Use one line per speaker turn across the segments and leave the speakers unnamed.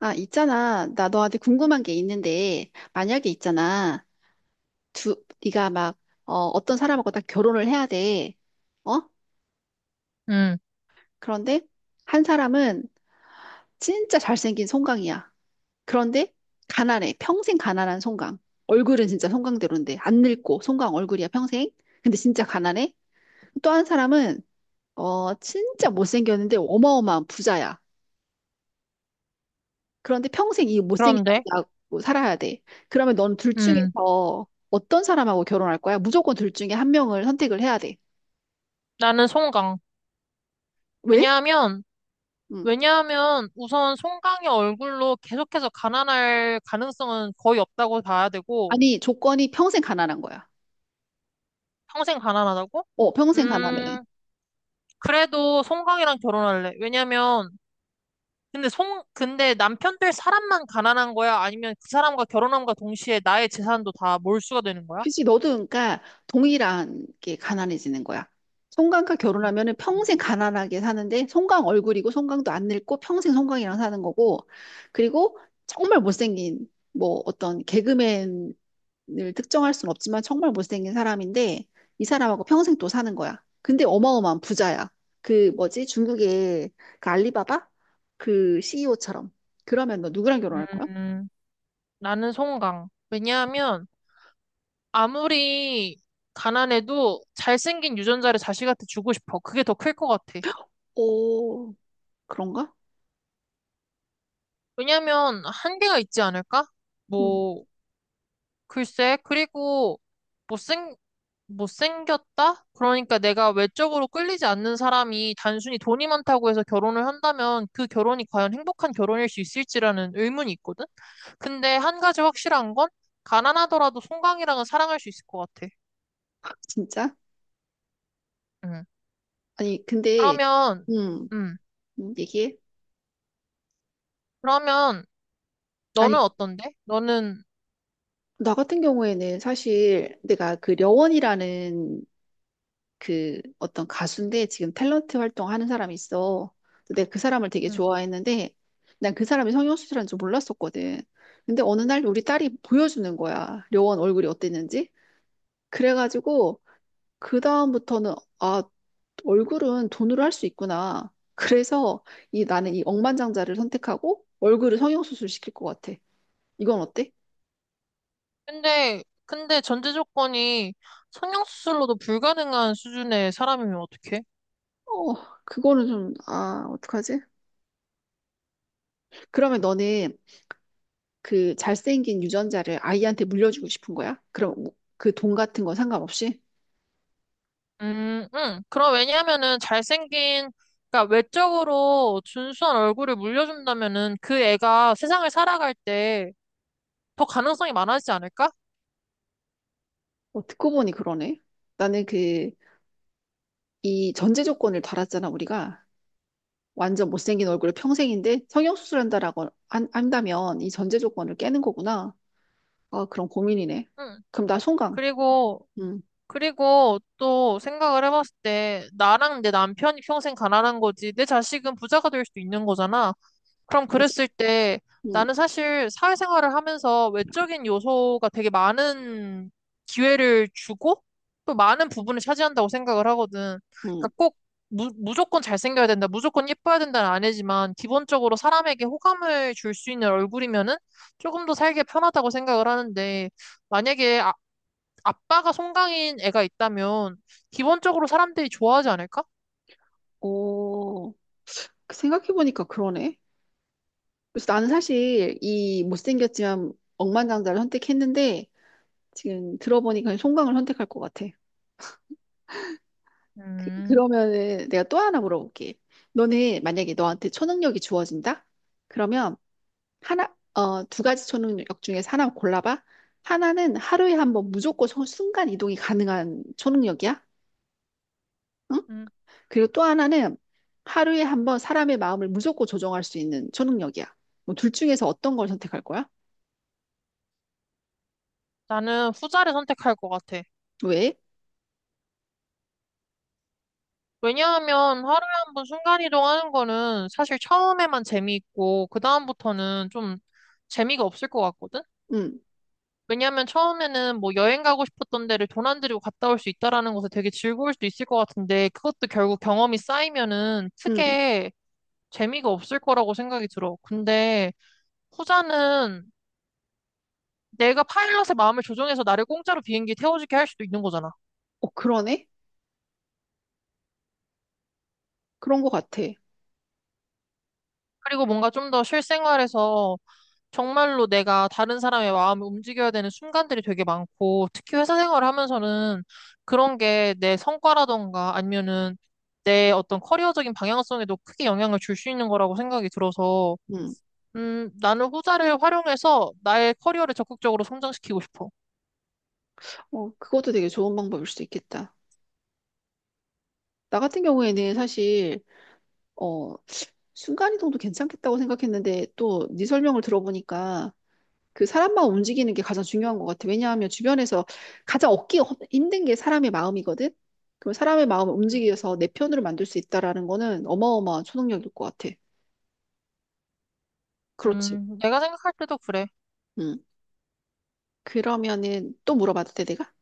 아, 있잖아. 나 너한테 궁금한 게 있는데, 만약에 있잖아. 두, 네가 막, 어떤 사람하고 딱 결혼을 해야 돼. 어?
음,
그런데 한 사람은 진짜 잘생긴 송강이야. 그런데 가난해. 평생 가난한 송강. 얼굴은 진짜 송강대로인데, 안 늙고 송강 얼굴이야, 평생. 근데 진짜 가난해. 또 한 사람은, 진짜 못생겼는데 어마어마한 부자야. 그런데 평생 이 못생긴
그런데,
남자하고 살아야 돼. 그러면 넌 둘
음,
중에서 어떤 사람하고 결혼할 거야? 무조건 둘 중에 한 명을 선택을 해야 돼.
나는 송강.
왜?
왜냐하면,
응.
왜냐하면 우선 송강의 얼굴로 계속해서 가난할 가능성은 거의 없다고 봐야 되고,
아니, 조건이 평생 가난한 거야.
평생 가난하다고?
어, 평생 가난해.
음, 그래도 송강이랑 결혼할래. 왜냐면, 근데 남편 될 사람만 가난한 거야? 아니면 그 사람과 결혼함과 동시에 나의 재산도 다 몰수가 되는 거야?
그치, 너도 그러니까 동일한 게 가난해지는 거야. 송강과 결혼하면은 평생
음.
가난하게 사는데 송강 얼굴이고 송강도 안 늙고 평생 송강이랑 사는 거고, 그리고 정말 못생긴 뭐 어떤 개그맨 을 특정할 수는 없지만 정말 못생긴 사람인데 이 사람하고 평생 또 사는 거야. 근데 어마어마한 부자야. 그 뭐지? 중국의 그 알리바바 그 CEO처럼. 그러면 너 누구랑 결혼할 거야?
음, 나는 송강. 왜냐하면, 아무리 가난해도 잘생긴 유전자를 자식한테 주고 싶어. 그게 더 클 것 같아.
오, 그런가?
왜냐면 한계가 있지 않을까?
음,
뭐, 글쎄. 그리고 못생, 못생겼다? 그러니까 내가 외적으로 끌리지 않는 사람이 단순히 돈이 많다고 해서 결혼을 한다면 그 결혼이 과연 행복한 결혼일 수 있을지라는 의문이 있거든? 근데 한 가지 확실한 건 가난하더라도 송강이랑은 사랑할 수 있을 것 같아.
진짜?
응.
아니, 근데
그러면,
음,
음.
얘기해.
그러면 너는
아니,
어떤데? 너는,
나 같은 경우에는 사실 내가 그 려원이라는 그 어떤 가수인데 지금 탤런트 활동하는 사람이 있어. 근데 내가 그 사람을 되게
응.
좋아했는데 난 그 사람이 성형수술한 줄 몰랐었거든. 근데 어느 날 우리 딸이 보여주는 거야. 려원 얼굴이 어땠는지. 그래가지고 그 다음부터는 아, 얼굴은 돈으로 할 수 있구나. 그래서 이 나는 이 억만장자를 선택하고 얼굴을 성형수술 시킬 것 같아. 이건 어때?
근데 전제 조건이 성형수술로도 불가능한 수준의 사람이면 어떡해?
어, 그거는 좀, 아, 어떡하지? 그러면 너는 그 잘생긴 유전자를 아이한테 물려주고 싶은 거야? 그럼 그 돈 같은 건 상관없이?
응. 그럼 왜냐하면은 그러니까 외적으로 준수한 얼굴을 물려준다면은 그 애가 세상을 살아갈 때 더 가능성이 많아지지 않을까?
어, 듣고 보니 그러네. 나는 그 이 전제 조건을 달았잖아, 우리가. 완전 못생긴 얼굴을 평생인데 성형수술한다라고 한다면 이 전제 조건을 깨는 거구나. 아, 그런 고민이네.
응.
그럼 나 송강.
그리고,
응,
그리고 또 생각을 해봤을 때 나랑 내 남편이 평생 가난한 거지 내 자식은 부자가 될 수도 있는 거잖아. 그럼
맞아.
그랬을 때
응,
나는 사실 사회생활을 하면서 외적인 요소가 되게 많은 기회를 주고 또 많은 부분을 차지한다고 생각을 하거든. 그러니까
응.
꼭 무조건 잘생겨야 된다, 무조건 예뻐야 된다는 아니지만 기본적으로 사람에게 호감을 줄 수 있는 얼굴이면은 조금 더 살기 편하다고 생각을 하는데 만약에 아빠가 송강인 애가 있다면 기본적으로 사람들이 좋아하지 않을까?
오, 그 생각해보니까 그러네. 그래서 나는 사실 이 못생겼지만 억만장자를 선택했는데 지금 들어보니까 송강을 선택할 것 같아.
음,
그러면은 내가 또 하나 물어볼게. 너는 만약에 너한테 초능력이 주어진다? 그러면 두 가지 초능력 중에서 하나 골라봐. 하나는 하루에 한번 무조건 순간 이동이 가능한 초능력이야. 응?
음,
그리고 또 하나는 하루에 한번 사람의 마음을 무조건 조종할 수 있는 초능력이야. 뭐둘 중에서 어떤 걸 선택할 거야?
나는 후자를 선택할 것 같아.
왜?
왜냐하면 하루에 한 번 순간이동하는 거는 사실 처음에만 재미있고, 그다음부터는 좀 재미가 없을 것 같거든?
응,
왜냐하면 처음에는 뭐 여행 가고 싶었던 데를 돈 안 들이고 갔다 올 수 있다라는 것에 되게 즐거울 수도 있을 것 같은데, 그것도 결국 경험이 쌓이면은
응.
크게 재미가 없을 거라고 생각이 들어. 근데 후자는 내가 파일럿의 마음을 조종해서 나를 공짜로 비행기에 태워주게 할 수도 있는 거잖아.
어, 그러네? 그런 것 같아.
그리고 뭔가 좀 더 실생활에서 정말로 내가 다른 사람의 마음을 움직여야 되는 순간들이 되게 많고, 특히 회사 생활을 하면서는 그런 게 내 성과라던가 아니면은 내 어떤 커리어적인 방향성에도 크게 영향을 줄 수 있는 거라고 생각이 들어서,
응.
나는 후자를 활용해서 나의 커리어를 적극적으로 성장시키고 싶어.
어, 그것도 되게 좋은 방법일 수도 있겠다. 나 같은 경우에는 사실 어, 순간이동도 괜찮겠다고 생각했는데 또 네 설명을 들어보니까 그 사람만 움직이는 게 가장 중요한 것 같아. 왜냐하면 주변에서 가장 힘든 게 사람의 마음이거든. 그럼 사람의 마음을 움직여서 내 편으로 만들 수 있다라는 거는 어마어마한 초능력일 것 같아. 그렇지.
내가 생각할 때도 그래.
응. 그러면은 또 물어봐도 돼, 내가?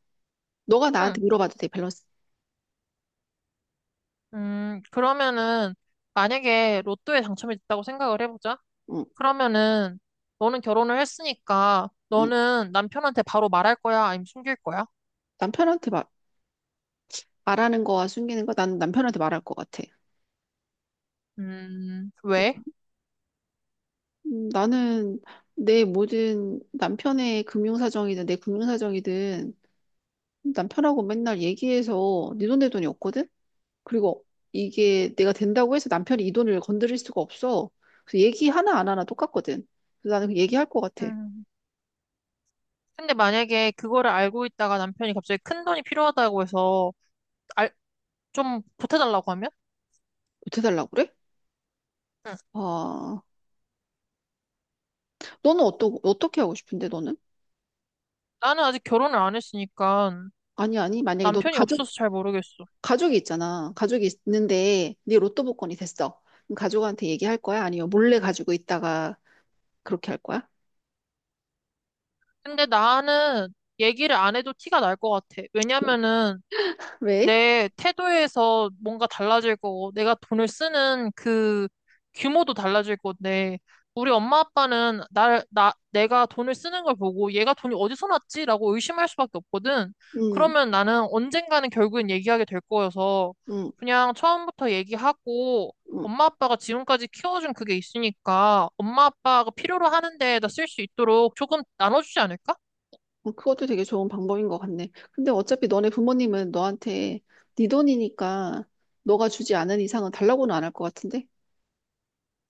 너가
응.
나한테 물어봐도 돼, 밸런스.
그러면은 만약에 로또에 당첨이 됐다고 생각을 해보자.
응,
그러면은 너는 결혼을 했으니까
응.
너는 남편한테 바로 말할 거야? 아니면 숨길 거야?
남편한테 말, 말하는 거와 숨기는 거, 난 남편한테 말할 것 같아.
왜?
나는 내 모든 남편의 금융사정이든 내 금융사정이든 남편하고 맨날 얘기해서 네 돈 내 돈이 없거든? 그리고 이게 내가 된다고 해서 남편이 이 돈을 건드릴 수가 없어. 그래서 얘기 하나 안 하나 똑같거든. 그래서 나는 그 얘기할 것 같아.
음. 근데 만약에 그거를 알고 있다가 남편이 갑자기 큰 돈이 필요하다고 해서 알, 좀 보태달라고 하면?
못해달라고 그래?
응.
아, 어떻게 하고 싶은데 너는?
나는 아직 결혼을 안 했으니까
아니, 아니,
남편이 없어서 잘 모르겠어.
가족이 있잖아. 가족이 있는데 네 로또 복권이 됐어. 그럼 가족한테 얘기할 거야? 아니면 몰래 가지고 있다가 그렇게 할 거야?
근데 나는 얘기를 안 해도 티가 날 것 같아. 왜냐면은
왜?
내 태도에서 뭔가 달라질 거고, 내가 돈을 쓰는 그 규모도 달라질 건데, 우리 엄마 아빠는 내가 돈을 쓰는 걸 보고 얘가 돈이 어디서 났지라고 의심할 수밖에 없거든.
음,
그러면 나는 언젠가는 결국엔 얘기하게 될 거여서
음,
그냥 처음부터 얘기하고
음.
엄마 아빠가 지금까지 키워준 그게 있으니까 엄마 아빠가 필요로 하는 데에다 쓸 수 있도록 조금 나눠주지 않을까?
어, 그것도 되게 좋은 방법인 것 같네. 근데 어차피 너네 부모님은 너한테 네 돈이니까 너가 주지 않은 이상은 달라고는 안 할 것 같은데?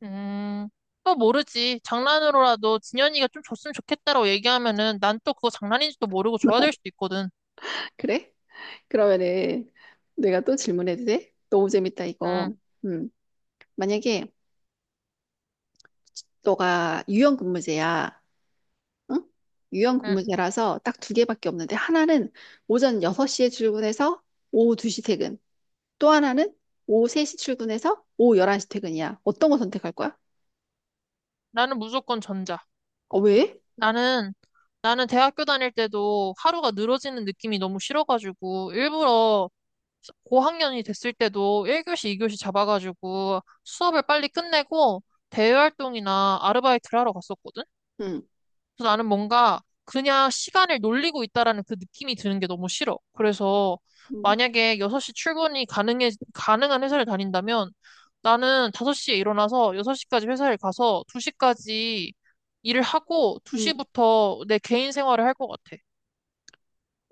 음, 또 모르지. 장난으로라도 진현이가 좀 줬으면 좋겠다라고 얘기하면은 난 또 그거 장난인지도 모르고 줘야 될 수도 있거든.
그래? 그러면은 내가 또 질문해도 돼? 너무 재밌다,
응,
이거. 음, 만약에 너가 유연근무제야. 응?
응.
유연근무제라서 딱 두 개밖에 없는데 하나는 오전 6시에 출근해서 오후 2시 퇴근. 또 하나는 오후 3시 출근해서 오후 11시 퇴근이야. 어떤 거 선택할 거야?
나는 무조건 전자.
어, 왜?
나는, 나는 대학교 다닐 때도 하루가 늘어지는 느낌이 너무 싫어가지고 일부러 고학년이 됐을 때도 1교시, 2교시 잡아가지고 수업을 빨리 끝내고 대외활동이나 아르바이트를 하러 갔었거든.
응,
그래서 나는 뭔가 그냥 시간을 놀리고 있다라는 그 느낌이 드는 게 너무 싫어. 그래서
응,
만약에 6시 출근이 가능한 회사를 다닌다면 나는 5시에 일어나서 6시까지 회사를 가서 2시까지 일을 하고
응.
2시부터 내 개인 생활을 할 것 같아.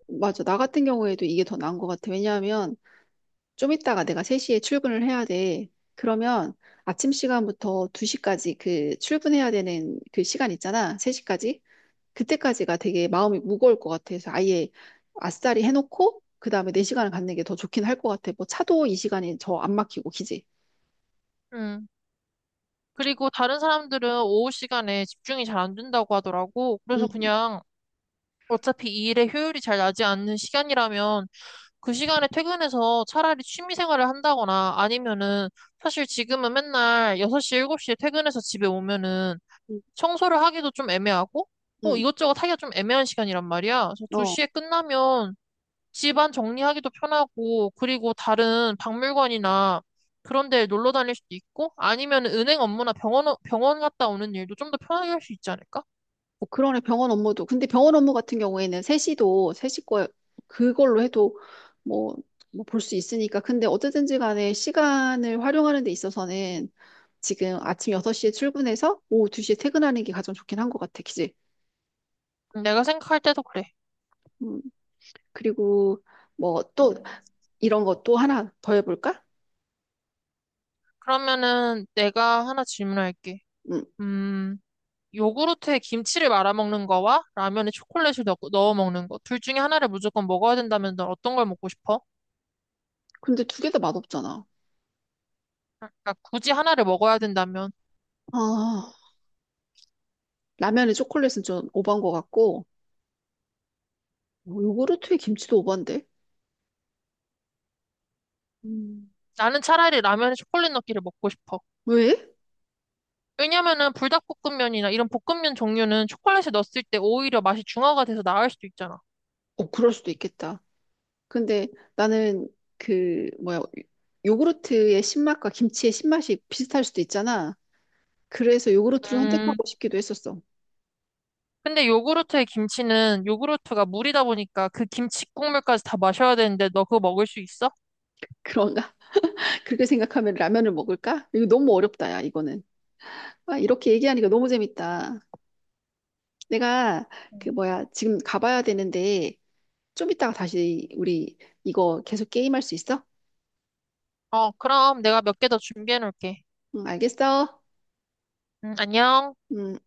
맞아. 나 같은 경우에도 이게 더 나은 것 같아. 왜냐하면 좀 이따가 내가 3시에 출근을 해야 돼. 그러면 아침 시간부터 2시까지 그 출근해야 되는 그 시간 있잖아. 3시까지. 그때까지가 되게 마음이 무거울 것 같아서 아예 아싸리 해놓고 그다음에 4시간을 갖는 게 더 좋긴 할 것 같아. 뭐 차도 이 시간이 더 안 막히고, 그지?
음. 그리고 다른 사람들은 오후 시간에 집중이 잘 안 된다고 하더라고. 그래서
응,
그냥 어차피 이 일의 효율이 잘 나지 않는 시간이라면 그 시간에 퇴근해서 차라리 취미 생활을 한다거나 아니면은 사실 지금은 맨날 6시, 7시에 퇴근해서 집에 오면은
응,
청소를 하기도 좀 애매하고 뭐
응.
이것저것 하기가 좀 애매한 시간이란 말이야. 그래서
어.
2시에 끝나면 집안 정리하기도 편하고 그리고 다른 박물관이나 그런 데 놀러 다닐 수도 있고 아니면 은행 업무나 병원 갔다 오는 일도 좀 더 편하게 할 수 있지 않을까?
어, 그러네, 병원 업무도. 근데 병원 업무 같은 경우에는 세시 거, 그걸로 해도 뭐, 뭐 볼 수 있으니까. 근데 어쨌든지 간에 시간을 활용하는 데 있어서는 지금 아침 6시에 출근해서 오후 2시에 퇴근하는 게 가장 좋긴 한 것 같아, 그지?
내가 생각할 때도 그래.
음, 그리고 뭐 또 이런 것도 하나 더 해볼까?
그러면은 내가 하나 질문할게.
음,
음. 요구르트에 김치를 말아 먹는 거와 라면에 초콜릿을 넣어 먹는 거. 둘 중에 하나를 무조건 먹어야 된다면 넌 어떤 걸 먹고 싶어?
근데 두 개 다 맛없잖아.
그러니까 굳이 하나를 먹어야 된다면
아, 라면에 초콜릿은 좀 오버한 것 같고, 뭐 요구르트에 김치도 오버인데? 음,
나는 차라리 라면에 초콜릿 넣기를 먹고 싶어.
왜?
왜냐면은 불닭볶음면이나 이런 볶음면 종류는 초콜릿을 넣었을 때 오히려 맛이 중화가 돼서 나을 수도 있잖아.
어, 그럴 수도 있겠다. 근데 나는 그 뭐야 요구르트의 신맛과 김치의 신맛이 비슷할 수도 있잖아. 그래서 요구르트를
음,
선택하고 싶기도 했었어.
근데 요구르트에 김치는 요구르트가 물이다 보니까 그 김치 국물까지 다 마셔야 되는데 너 그거 먹을 수 있어?
그런가? 그렇게 생각하면 라면을 먹을까? 이거 너무 어렵다, 야, 이거는. 아, 이렇게 얘기하니까 너무 재밌다. 내가 그 뭐야 지금 가봐야 되는데 좀 이따가 다시 우리 이거 계속 게임할 수 있어?
어, 그럼 내가 몇 개 더 준비해 놓을게.
응, 알겠어.
안녕.
음.